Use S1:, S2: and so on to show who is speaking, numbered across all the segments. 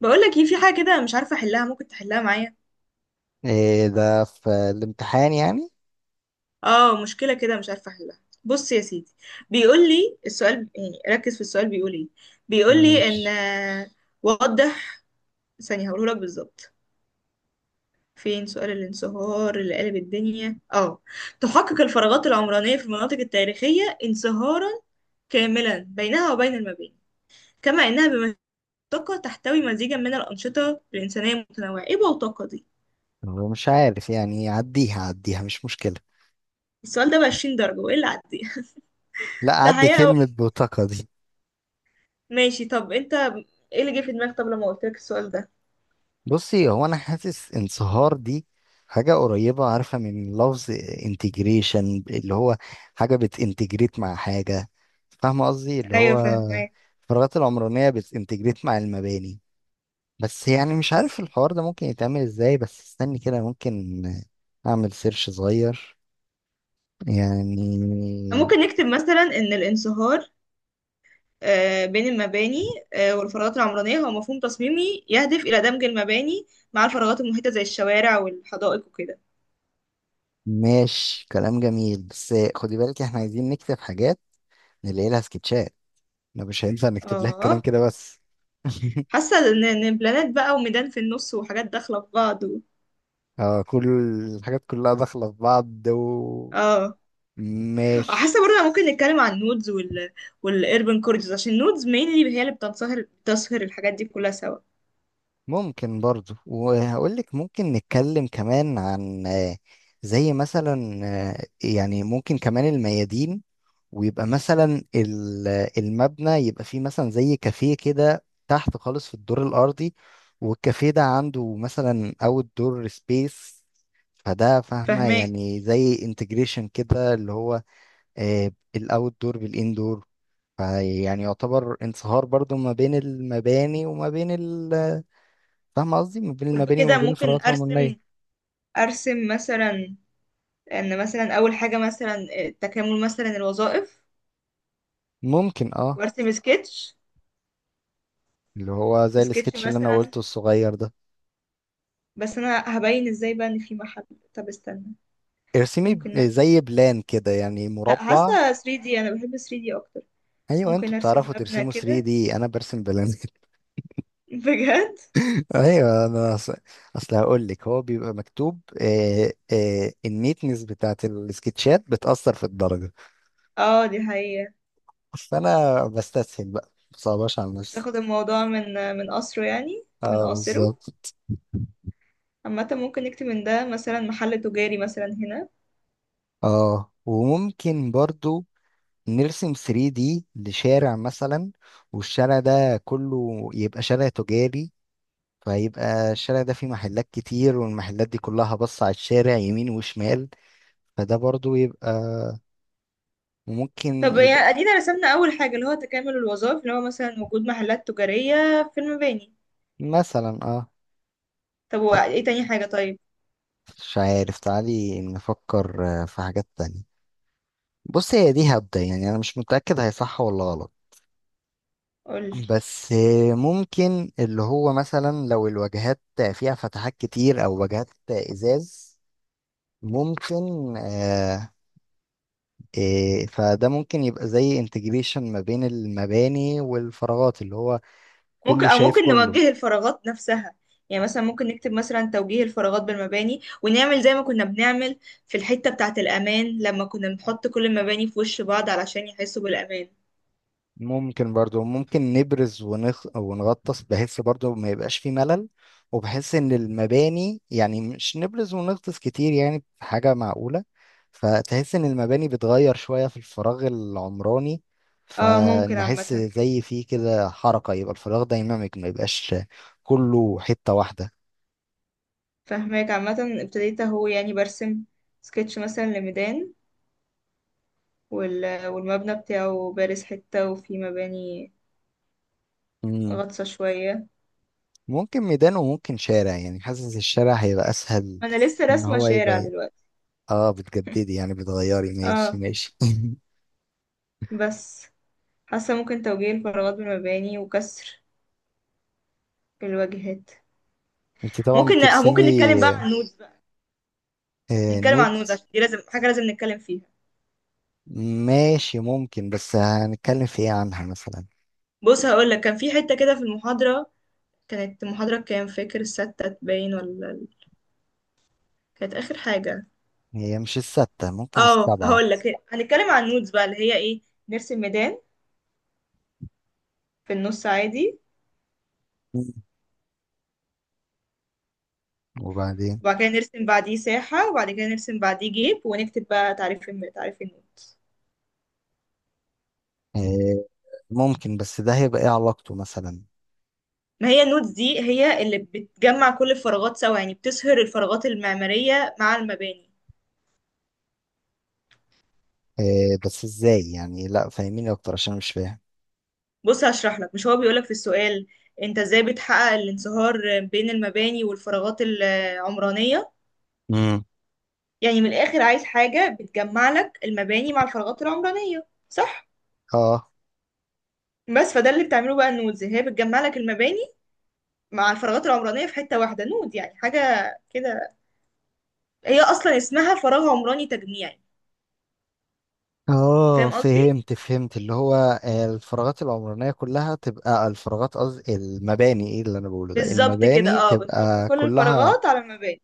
S1: بقول لك ايه، في حاجه كده مش عارفه احلها. ممكن تحلها معايا؟
S2: إيه ده، في الامتحان يعني؟
S1: اه، مشكله كده مش عارفه احلها. بص يا سيدي، بيقول لي السؤال، يعني ركز في السؤال بيقول ايه. بيقول لي ان
S2: ماشي.
S1: وضح. ثانيه هقوله لك بالظبط. فين سؤال الانصهار اللي قلب الدنيا؟ اه تحقق الفراغات العمرانيه في المناطق التاريخيه انصهارا كاملا بينها وبين المباني، كما انها بمنطقه تحتوي مزيجا من الانشطه الانسانيه المتنوعه. ايه بوتقه دي؟
S2: هو مش عارف يعني. عديها عديها، مش مشكلة.
S1: السؤال ده ب 20 درجه وايه اللي عديها
S2: لا،
S1: ده
S2: عدي
S1: حقيقه.
S2: كلمة بطاقة دي.
S1: ماشي، طب انت ايه اللي جه في دماغك طب لما قلت لك السؤال ده؟
S2: بصي، هو أنا حاسس انصهار دي حاجة قريبة، عارفة، من لفظ انتجريشن، اللي هو حاجة بتنتجريت مع حاجة. فاهمة قصدي؟ اللي هو
S1: ايوه فاهمك.
S2: الفراغات العمرانية بتنتجريت مع المباني. بس يعني مش عارف الحوار ده ممكن يتعمل ازاي. بس استني كده، ممكن أعمل سيرش صغير
S1: طب
S2: يعني.
S1: ممكن نكتب مثلا ان الانصهار بين المباني والفراغات العمرانية هو مفهوم تصميمي يهدف إلى دمج المباني مع الفراغات المحيطة زي الشوارع والحدائق وكده.
S2: ماشي، كلام جميل، بس خدي بالك احنا عايزين نكتب حاجات نلاقي لها سكتشات. احنا مش هينفع نكتب لها الكلام
S1: اه.
S2: كده بس.
S1: حاسة إن بلانات بقى وميدان في النص وحاجات داخلة في بعض
S2: اه، كل الحاجات كلها داخلة في بعض. و
S1: اه.
S2: ماشي.
S1: حاسة برضه ممكن نتكلم عن النودز والاربن كوريدورز عشان النودز mainly هي اللي بتسهر الحاجات دي كلها سوا.
S2: ممكن برضو، وهقول لك ممكن نتكلم كمان عن زي مثلا يعني ممكن كمان الميادين. ويبقى مثلا المبنى يبقى فيه مثلا زي كافيه كده تحت خالص في الدور الأرضي، والكافيه ده عنده مثلا أوت دور سبيس. فده، فاهمة؟
S1: فاهمك.
S2: يعني زي انتجريشن كده، اللي هو الأوت دور بالإندور، فيعني يعتبر انصهار برضو ما بين المباني وما بين فاهمة قصدي؟ ما بين المباني وما
S1: كده
S2: بين
S1: ممكن
S2: الفراغات
S1: ارسم،
S2: العمرانية.
S1: ارسم مثلا ان مثلا اول حاجه مثلا تكامل مثلا الوظائف
S2: ممكن، اه.
S1: وارسم سكتش.
S2: اللي هو زي
S1: سكتش
S2: السكتش اللي أنا
S1: مثلا،
S2: قلته الصغير ده.
S1: بس انا هبين ازاي بقى ان في محل. طب استنى،
S2: ارسمي
S1: ممكن نعمل إيه؟
S2: زي بلان كده، يعني
S1: لا،
S2: مربع.
S1: حاسه 3D. انا بحب 3D اكتر.
S2: ايوه، انتوا
S1: ممكن ارسم
S2: بتعرفوا
S1: مبنى
S2: ترسموا
S1: كده.
S2: 3D، انا برسم بلانك.
S1: بجد.
S2: ايوه، انا اصل هقول لك. هو بيبقى مكتوب، النيتنس بتاعت السكتشات بتأثر في الدرجة،
S1: اه، دي حقيقة.
S2: فانا بستسهل بقى، مصعباش على نفسي.
S1: تاخد الموضوع من قصره يعني من
S2: اه،
S1: قاصره.
S2: بالظبط.
S1: عامة ممكن نكتب من ده مثلا محل تجاري مثلا هنا.
S2: اه، وممكن برضو نرسم 3D لشارع مثلا، والشارع ده كله يبقى شارع تجاري، فيبقى الشارع ده فيه محلات كتير، والمحلات دي كلها بص على الشارع يمين وشمال. فده برضو يبقى، وممكن
S1: طب يعني
S2: يبقى
S1: ادينا رسمنا اول حاجة اللي هو تكامل الوظائف اللي هو مثلا وجود محلات تجارية في المباني.
S2: مثلا، اه.
S1: طب
S2: لا،
S1: وايه تاني حاجة طيب؟
S2: مش عارف، تعالي نفكر في حاجات تانية. بص، هي دي، هبدأ يعني، انا مش متأكد هي صح ولا غلط.
S1: قولي.
S2: بس ممكن اللي هو مثلا لو الواجهات فيها فتحات كتير او واجهات ازاز، ممكن، فده ممكن يبقى زي انتجريشن ما بين المباني والفراغات، اللي هو
S1: ممكن،
S2: كله
S1: او
S2: شايف
S1: ممكن
S2: كله.
S1: نوجه الفراغات نفسها. يعني مثلا ممكن نكتب مثلا توجيه الفراغات بالمباني ونعمل زي ما كنا بنعمل في الحتة بتاعة الأمان لما كنا بنحط كل المباني في وش بعض علشان يحسوا بالأمان.
S2: ممكن برضو، ممكن نبرز ونغطس، بحيث برضو ما يبقاش في ملل، وبحيث ان المباني يعني مش نبرز ونغطس كتير يعني، بحاجة معقولة. فتحس ان المباني بتغير شوية في الفراغ العمراني،
S1: اه ممكن
S2: فنحس
S1: عامة.
S2: زي فيه كده حركة، يبقى الفراغ دايناميك، ما يبقاش كله حتة واحدة.
S1: فهماك. عامة ابتديت اهو يعني برسم سكتش مثلا لميدان والمبنى بتاعه بارز حتة وفي مباني
S2: مم.
S1: غطسة شوية.
S2: ممكن ميدان، وممكن شارع، يعني حاسس الشارع هيبقى اسهل.
S1: ما انا لسه
S2: ان
S1: راسمة
S2: هو
S1: شارع
S2: يبقى،
S1: دلوقتي.
S2: اه، بتجددي يعني، بتغيري. ماشي
S1: اه.
S2: ماشي.
S1: بس حاسة ممكن توجيه الفراغات بالمباني وكسر الواجهات.
S2: انت طبعا
S1: ممكن.
S2: بترسمي.
S1: ممكن نتكلم بقى عن النودز بقى. نتكلم
S2: نود.
S1: عن النودز عشان دي لازم حاجة لازم نتكلم فيها.
S2: ماشي، ممكن، بس هنتكلم في ايه عنها مثلا؟
S1: بص هقول لك، كان في حتة كده في المحاضرة. كانت محاضرة كام، فاكر الستة باين ولا كانت آخر حاجة.
S2: هي مش الستة، ممكن
S1: اه
S2: السبعة.
S1: هقول لك، هنتكلم عن النودز بقى اللي هي ايه. نرسم ميدان في النص عادي،
S2: مم. وبعدين؟
S1: وبعد كده نرسم بعديه ساحة، وبعد كده نرسم بعديه جيب، ونكتب بقى تعريف تعريف النودز.
S2: آه. ممكن، بس ده هيبقى ايه علاقته مثلا؟
S1: ما هي النودز دي هي اللي بتجمع كل الفراغات سوا، يعني بتسهر الفراغات المعمارية مع المباني.
S2: بس ازاي يعني؟ لا، فاهميني اكتر عشان مش فاهم.
S1: بص هشرح لك، مش هو بيقولك في السؤال انت ازاي بتحقق الانصهار بين المباني والفراغات العمرانية؟
S2: امم.
S1: يعني من الآخر عايز حاجة بتجمع لك المباني مع الفراغات العمرانية، صح؟
S2: اه
S1: بس فده اللي بتعمله بقى النودز، هي بتجمع لك المباني مع الفراغات العمرانية في حتة واحدة، نود يعني حاجة كده. هي أصلا اسمها فراغ عمراني تجميعي.
S2: اه،
S1: فاهم قصدي؟
S2: فهمت فهمت، اللي هو الفراغات العمرانية كلها تبقى الفراغات، قصدي المباني، ايه اللي انا بقوله ده؟
S1: بالظبط كده.
S2: المباني
S1: اه، بنحط
S2: تبقى
S1: كل
S2: كلها.
S1: الفراغات على المباني.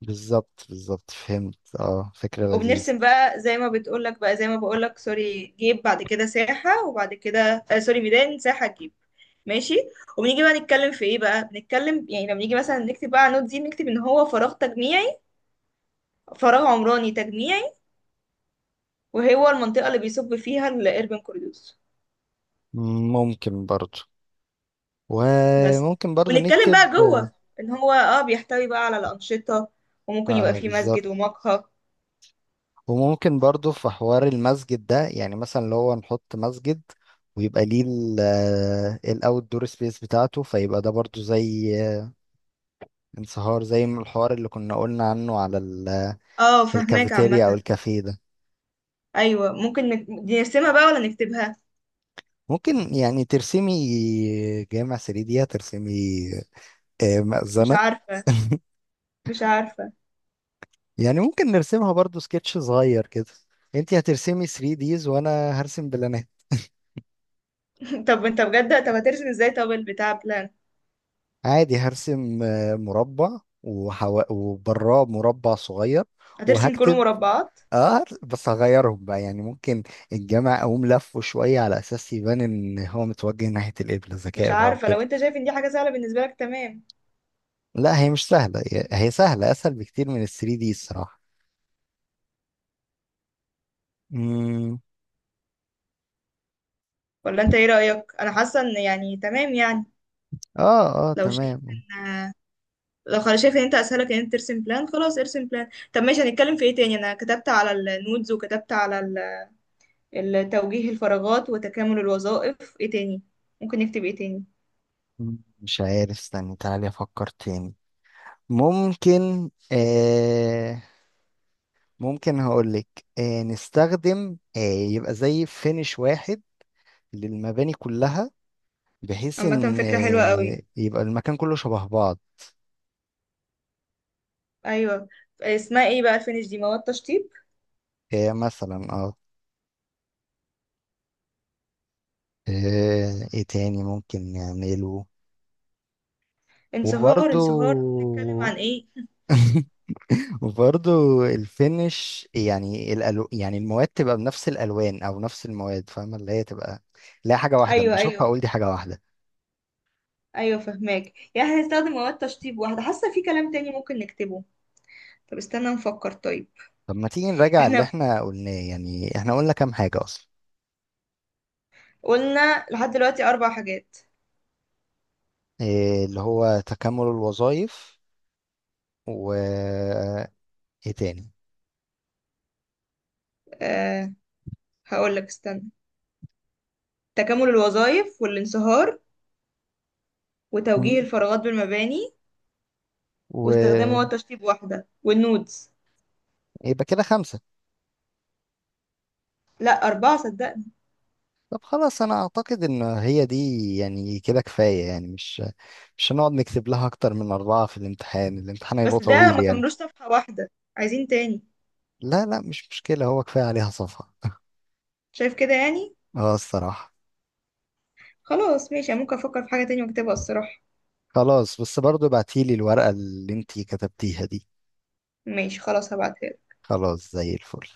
S2: بالظبط بالظبط، فهمت، اه، فكرة لذيذة.
S1: وبنرسم بقى زي ما بتقولك، بقى زي ما بقولك، سوري جيب بعد كده ساحة، وبعد كده سوري ميدان ساحة جيب. ماشي. وبنيجي بقى نتكلم في ايه بقى، بنتكلم يعني لما نيجي مثلا نكتب بقى على النوت دي، نكتب ان هو فراغ تجميعي، فراغ عمراني تجميعي، وهو المنطقة اللي بيصب فيها الاربن كوريوس.
S2: ممكن برضو،
S1: بس،
S2: وممكن برضو
S1: ونتكلم
S2: نكتب.
S1: بقى جوه ان هو بيحتوي بقى على الأنشطة، وممكن يبقى
S2: اه
S1: فيه
S2: بالظبط.
S1: مسجد ومقهى.
S2: وممكن برضو في حوار المسجد ده يعني، مثلا لو هو نحط مسجد، ويبقى ليه الاوت دور سبيس بتاعته، فيبقى ده برضو زي انصهار، زي ما الحوار اللي كنا قلنا عنه على
S1: اه فهماك
S2: الكافيتيريا او
S1: عامة.
S2: الكافيه ده.
S1: ايوه ممكن دي نرسمها بقى ولا نكتبها.
S2: ممكن، يعني ترسمي جامع 3 دي؟ هترسمي
S1: مش
S2: مأذنة.
S1: عارفة، مش عارفة.
S2: يعني ممكن نرسمها برضو سكتش صغير كده. انتي هترسمي 3 ديز وانا هرسم بلان.
S1: طب انت بجد طب هترسم ازاي طب البتاع بلان؟
S2: عادي، هرسم مربع وبراه مربع صغير،
S1: هترسم كله
S2: وهكتب.
S1: مربعات؟
S2: اه، بس هغيرهم بقى، يعني ممكن الجامع اقوم لفه شويه على اساس يبان ان هو متوجه ناحيه القبله،
S1: مش
S2: ذكاء بقى
S1: عارفة، لو
S2: وكده.
S1: انت شايف ان دي حاجة سهلة بالنسبة لك تمام.
S2: لا، هي مش سهله، هي سهله، اسهل بكتير من ال 3 دي الصراحه. امم.
S1: ولا انت ايه رأيك؟ انا حاسة ان يعني تمام يعني.
S2: اه اه،
S1: لو شايف
S2: تمام.
S1: ان، لو خلاص شايف ان انت اسهلك ان انت ترسم بلان، خلاص ارسم بلان. طب ماشي هنتكلم في ايه تاني؟ انا كتبت على النودز وكتبت على التوجيه الفراغات وتكامل الوظائف. ايه تاني؟ ممكن نكتب ايه تاني؟
S2: مش عارف، استني تعالي افكر تاني. ممكن، ممكن هقولك، نستخدم، يبقى زي فينش واحد للمباني كلها، بحيث
S1: عامة
S2: ان
S1: فكرة حلوة قوي.
S2: يبقى المكان كله شبه بعض.
S1: ايوه، اسمها ايه بقى الفينش دي؟ مواد تشطيب،
S2: مثلا، اه. ايه تاني ممكن نعمله؟
S1: انصهار.
S2: وبرضو.
S1: انصهار نتكلم عن ايه؟
S2: وبرضو الفينش، يعني يعني المواد تبقى بنفس الالوان او نفس المواد، فاهمه؟ اللي هي تبقى، لا، حاجه واحده، اما
S1: ايوه
S2: اشوفها اقول
S1: ايوه
S2: دي حاجه واحده.
S1: ايوه فهماك. يعني احنا هنستخدم مواد تشطيب واحده. حاسه في كلام تاني ممكن نكتبه. طب استنى نفكر طيب.
S2: طب ما تيجي نراجع اللي
S1: احنا
S2: احنا قلناه، يعني احنا قلنا كام حاجه اصلا؟
S1: قلنا لحد دلوقتي 4 حاجات.
S2: إيه، اللي هو تكامل الوظائف، و ايه تاني؟
S1: أه هقول لك استنى، تكامل الوظائف والانصهار وتوجيه الفراغات بالمباني واستخدام
S2: ويبقى
S1: مواد تشطيب واحده والنودز.
S2: كده خمسة.
S1: لا 4 صدقني.
S2: طب خلاص، أنا أعتقد إن هي دي، يعني كده كفاية يعني. مش مش هنقعد نكتب لها أكتر من أربعة في الامتحان، الامتحان هيبقى
S1: بس ده
S2: طويل
S1: ما
S2: يعني.
S1: كملوش صفحه واحده، عايزين تاني.
S2: لا لا، مش مشكلة، هو كفاية عليها صفحة.
S1: شايف كده يعني.
S2: اه الصراحة.
S1: خلاص ماشي أنا ممكن افكر في حاجه تانية واكتبها الصراحه.
S2: خلاص، بس برضو ابعتيلي الورقة اللي انتي كتبتيها دي.
S1: ماشي خلاص هبعتها.
S2: خلاص زي الفل.